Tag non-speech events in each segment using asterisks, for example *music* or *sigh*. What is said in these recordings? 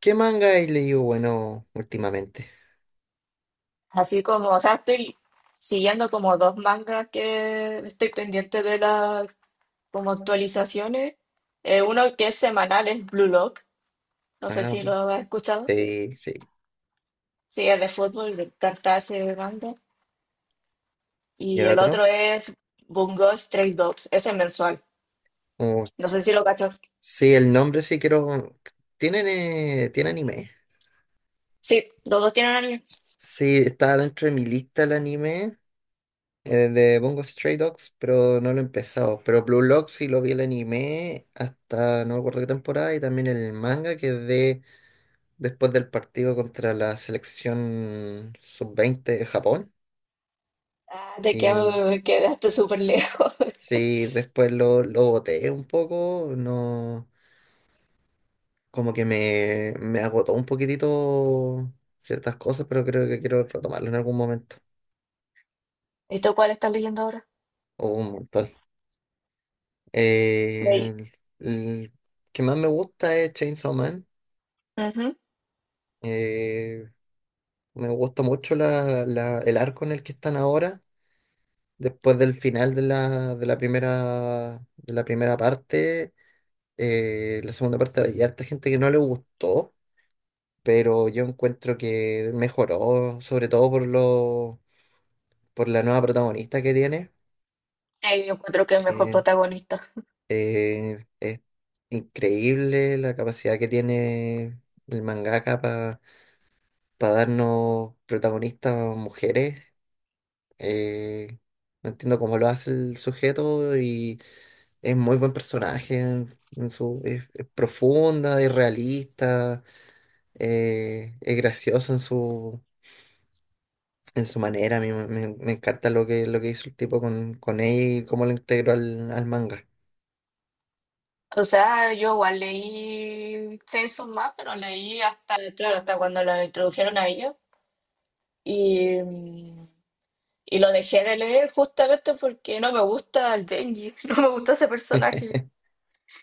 ¿Qué manga he leído, bueno, últimamente? Así como, o sea, estoy siguiendo como dos mangas que estoy pendiente de las como actualizaciones. Uno que es semanal es Blue Lock, no sé Ah, si lo has escuchado. sí, sí. Sí, es de fútbol, de encanta ese manga. ¿Y Y el el otro? otro es Bungo Stray Dogs, ese es mensual. Oh, No sé si lo cachas. sí, el nombre sí quiero. ¿Tiene anime? Sí, los dos tienen anime. Sí, está dentro de mi lista el anime, de Bungo Stray Dogs, pero no lo he empezado. Pero Blue Lock sí lo vi el anime hasta no me acuerdo qué temporada, y también el manga, que es de después del partido contra la selección sub 20 de Japón. Ah, Y quedaste súper lejos. *laughs* sí, después lo boté un poco, no. Como que me agotó un poquitito ciertas cosas, pero creo que quiero retomarlo en algún momento, ¿Y tú cuál estás leyendo ahora? o un montón. Leí. Eh, el que más me gusta es Chainsaw Man. Ujú. Eh, Me gusta mucho el arco en el que están ahora, después del final de de la primera parte. La segunda parte hay harta gente que no le gustó, pero yo encuentro que mejoró, sobre todo por por la nueva protagonista que tiene, Sí, yo encuentro que es mejor que, protagonista. Es increíble la capacidad que tiene el mangaka para darnos protagonistas mujeres. Eh, no entiendo cómo lo hace el sujeto, y es muy buen personaje. Es profunda, es realista, es gracioso en su manera. A mí me encanta lo que hizo el tipo con ella, y cómo lo integró al manga. O sea, yo igual leí Chainsaw Man, pero leí hasta, claro, hasta cuando lo introdujeron a ellos. Y, mm, y lo dejé de leer justamente porque no me gusta el Denji, *laughs* no me gusta ese personaje,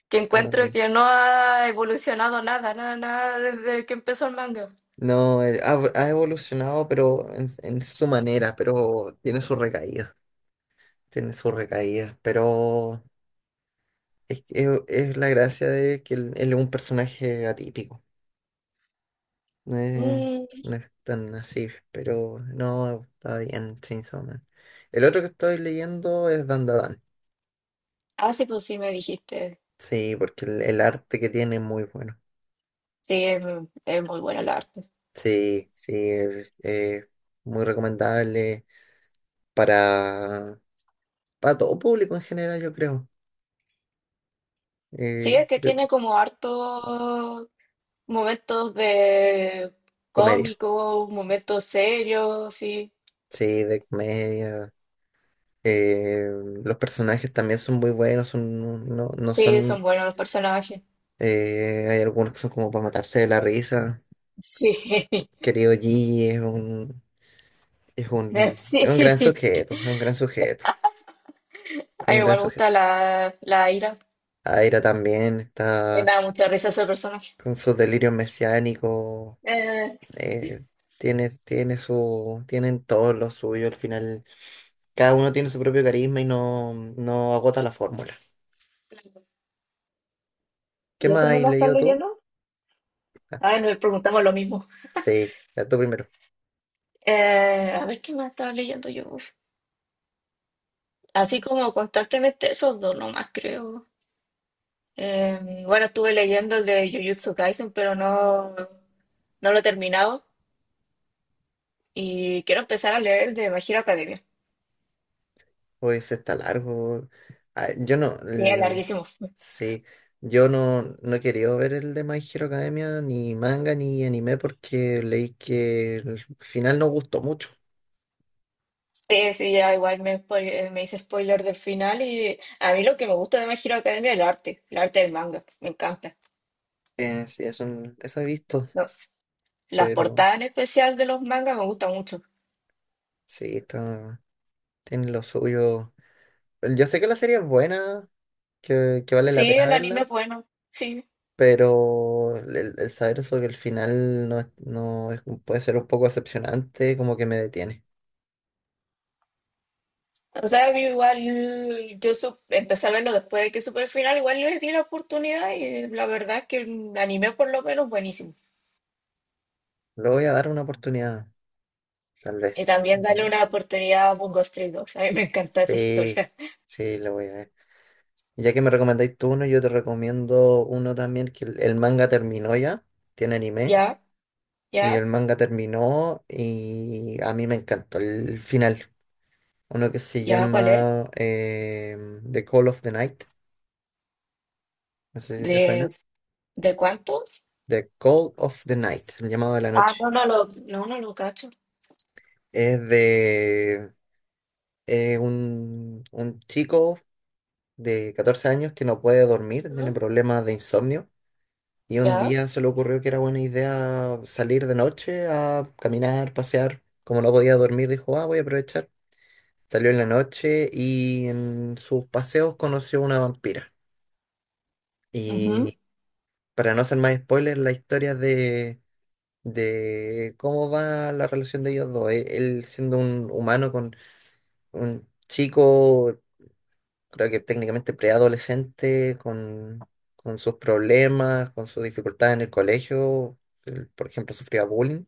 que encuentro que *laughs* no ha evolucionado nada, nada, nada desde que empezó el manga. No, ha evolucionado, pero en su manera, pero tiene sus recaídas, pero es la gracia de que él es un personaje atípico, no es, Mm, no es tan así, pero no, está bien Chainsaw Man. El otro que estoy leyendo es Dandadan, ah, sí, pues sí, me dijiste. sí, porque el arte que tiene es muy bueno, Sí, es muy buena la arte. sí, sí, es muy recomendable para, para todo público en general, yo creo. Sí, Eh, es que tiene como hartos momentos de Comedia, cómico, momentos serios, sí. sí, de comedia. Eh, los personajes también son muy buenos, son, no, no Sí, son son... buenos los personajes. Hay algunos que son como para matarse de la risa. Sí, Querido Gigi es un, es *laughs* un, sí. es un gran sujeto, es un gran sujeto, A es mí un gran igual me gusta sujeto. la Ira. Aira también Me está da mucha risa ese personaje. con sus delirios mesiánicos. Eh, eh, tienen todos lo suyo al final. Cada uno tiene su propio carisma, y no, no agota la fórmula. ¿Qué ¿Y eso más no has lo estás leído tú? leyendo? Ah, nos preguntamos lo mismo. Sí, ya tú primero. A ver qué más estaba leyendo yo. Así como constantemente esos dos nomás, creo. Bueno, estuve leyendo el de Jujutsu Kaisen, no lo he terminado y quiero empezar a leer el de My Hero Academia. Pues está largo. Ah, yo no, Sí, es larguísimo. sí, yo no, no he querido ver el de My Hero Academia, ni manga, ni anime, porque leí que el final no gustó mucho. Sí, sí, ya igual me hice spoiler del final, y a mí lo que me gusta de My Hero Academia es el arte del manga, me encanta. Sí, eso he visto, No, las pero portadas en especial de los mangas me gustan mucho. sí, tiene lo suyo. Yo sé que la serie es buena, que vale la Sí, pena el anime verla, es bueno, sí. pero el saber eso, que el final no, puede ser un poco decepcionante, como que me detiene. O sea, yo igual, empecé a verlo después de que supe el final, igual les di la oportunidad y la verdad es que el anime por lo menos buenísimo. Le voy a dar una oportunidad. Tal Y vez. también dale No. una oportunidad a Bungo Stray Dogs. A mí me encanta esa Sí, historia. *laughs* sí, lo voy a ver. Ya que me recomendáis tú uno, yo te recomiendo uno también, que el manga terminó ya, tiene anime, Ya, y ya, el manga terminó y a mí me encantó el final. Uno que se ya, ¿cuál es? llama, The Call of the Night, no sé si te suena. ¿De, de cuánto? The Call of the Night, el llamado de la Ah, noche. No lo cacho. Es de un chico de 14 años que no puede dormir, tiene Ujú. problemas de insomnio. Y un Ya, día se le ocurrió que era buena idea salir de noche a caminar, pasear. Como no podía dormir, dijo, ah, voy a aprovechar. Salió en la noche y en sus paseos conoció una vampira. ujú, Y para no hacer más spoilers, la historia de cómo va la relación de ellos dos. Él siendo un humano, con un chico, creo que técnicamente preadolescente, con sus problemas, con sus dificultades en el colegio. Él, por ejemplo, sufría bullying,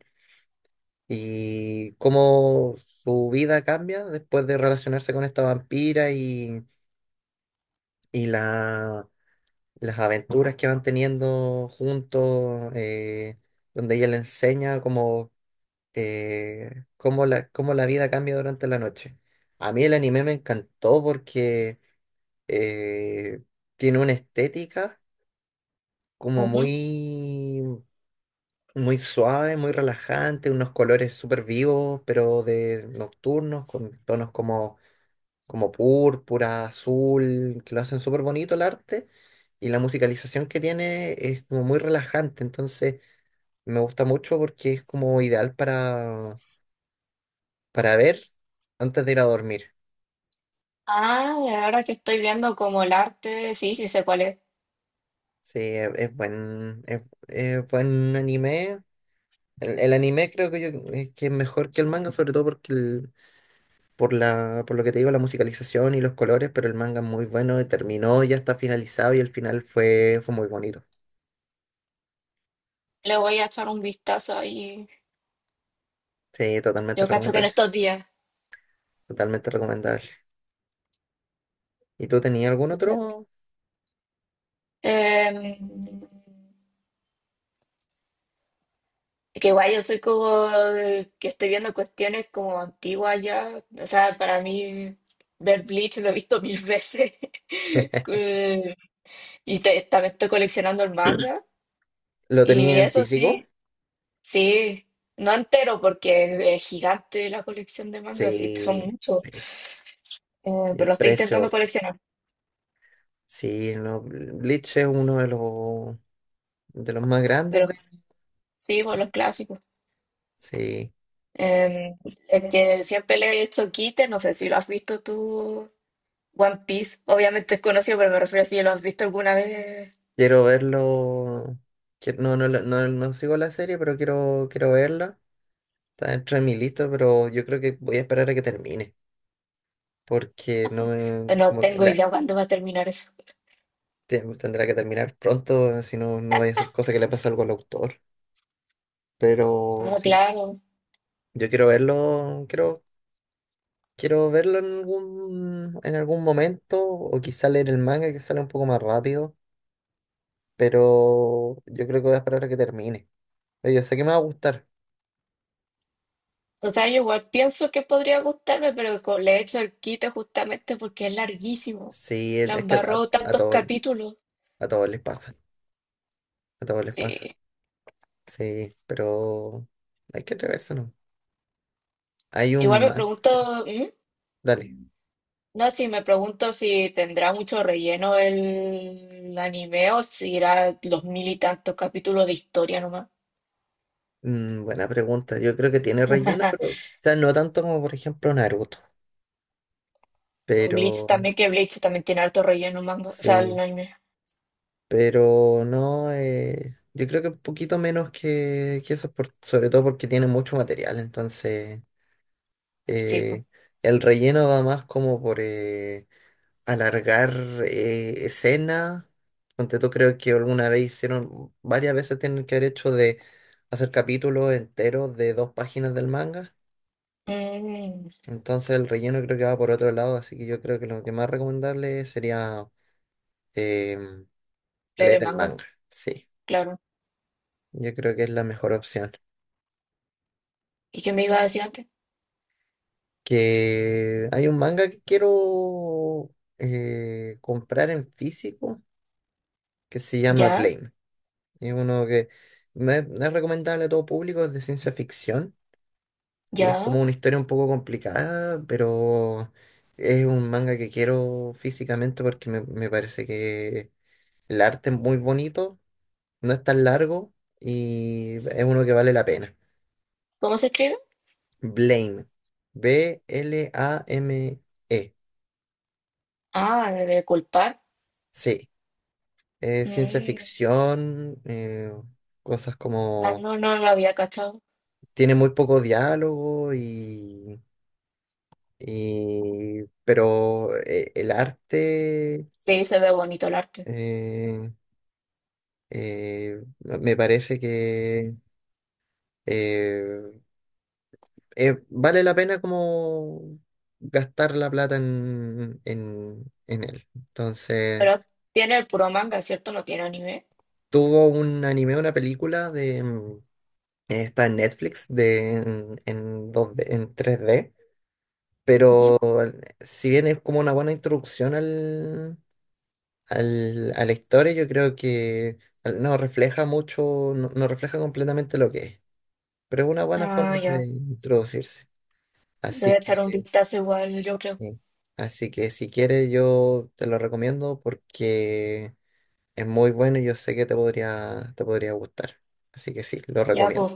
y cómo su vida cambia después de relacionarse con esta vampira, y las aventuras que van teniendo juntos, donde ella le enseña cómo la vida cambia durante la noche. A mí el anime me encantó porque eh, tiene una estética como ujú. muy, muy suave, muy relajante, unos colores súper vivos, pero de nocturnos, con tonos como como púrpura, azul, que lo hacen súper bonito el arte. Y la musicalización que tiene es como muy relajante. Entonces, me gusta mucho porque es como ideal para ver antes de ir a dormir. Ah, y ahora que estoy viendo como el arte, sí, sí sé cuál es. Sí, es, es buen anime. El anime creo que, es que es mejor que el manga, sobre todo porque por lo que te digo, la musicalización y los colores, pero el manga es muy bueno, y terminó, ya está finalizado, y el final fue muy bonito. Le voy a echar un vistazo ahí. Sí, totalmente Yo cacho que en recomendable. estos días. Totalmente recomendable. ¿Y tú tenías algún Puede ser. otro? Em, que igual yo soy como que estoy viendo cuestiones como antiguas ya. O sea, para mí ver Bleach lo he visto mil veces. *laughs* Que- Y también estoy coleccionando el manga. ¿Lo Y tenías en eso físico? sí, sí, no entero porque es gigante la colección de mangas, sí, son Sí, muchos. sí. Y Pero el lo estoy precio, intentando coleccionar. sí, no, Bleach es uno de los más De grandes los, de. sí, por los clásicos. Sí. Eh, el que siempre le he hecho quite, no sé si lo has visto tú, One Piece, obviamente es conocido, pero me refiero a si lo has visto alguna vez. Quiero verlo. No, no, no, no sigo la serie, pero quiero verla. Está dentro de mi lista, pero yo creo que voy a esperar a que termine. Porque no me, No como que tengo idea cuándo va a terminar eso. Tendrá que terminar pronto, si no, no vaya a ser cosa que le pase algo al autor. Pero Ah, sí. claro. Yo quiero verlo, quiero verlo en algún momento, o quizá leer el manga que sale un poco más rápido, pero yo creo que voy a esperar a que termine. Pero yo sé que me va a gustar. O sea, yo igual pienso que podría gustarme, pero le he hecho el quite justamente porque es larguísimo. Sí, La es que a, embarró a tantos todos, capítulos. a todos les pasa, a todos les pasa. Sí. Sí, pero hay que atreverse, ¿no? Hay Igual un me manga, pregunto, ¿mm? dale. No, sí, me pregunto si tendrá mucho relleno el anime o si irá los mil y tantos capítulos de historia nomás. Mm, buena pregunta. Yo creo que tiene relleno, *laughs* pero quizás no tanto como, por ejemplo, Naruto, O Bleach pero también, que Bleach también tiene harto relleno manga, o sea, el sí. anime. Pero no, yo creo que un poquito menos que eso, sobre todo porque tiene mucho material. Entonces, Sí, pues. eh, el relleno va más como por, alargar, escenas. Ponte tú, creo que alguna vez hicieron, varias veces tienen que haber hecho de hacer capítulos enteros de dos páginas del manga. Mm, Entonces, el relleno creo que va por otro lado, así que yo creo que lo que más recomendable sería, em, leer leer el manga, manga. Sí, claro. yo creo que es la mejor opción. ¿Y qué me iba a decir antes? Que hay un manga que quiero, comprar en físico, que se llama ¿Ya? Blame. Es uno que no es recomendable a todo público, es de ciencia ficción, y es como ¿Ya? una historia un poco complicada, pero es un manga que quiero físicamente, porque me parece que el arte es muy bonito, no es tan largo, y es uno que vale la pena. ¿Cómo se escribe? Blame. Blame. Ah, de culpar. Ciencia Mm, ficción, cosas ah, como... no, no lo había cachado. Tiene muy poco diálogo y... pero, el arte, Sí, se ve bonito el arte. eh, me parece que, eh, vale la pena como gastar la plata en, en él. Entonces, Pero tiene el puro manga, ¿cierto? No tiene anime. tuvo un anime, una película de... Está en Netflix, en 2D, en 3D, pero Ujú. si bien es como una buena introducción a la historia, yo creo que no refleja mucho, no, no refleja completamente lo que es, pero es una buena Ah, forma ya. de introducirse. Voy Así a echar un que, vistazo igual, yo creo. eh, Así que, si quieres, yo te lo recomiendo porque es muy bueno, y yo sé que te podría gustar. Así que sí, lo Ya, recomiendo. pues.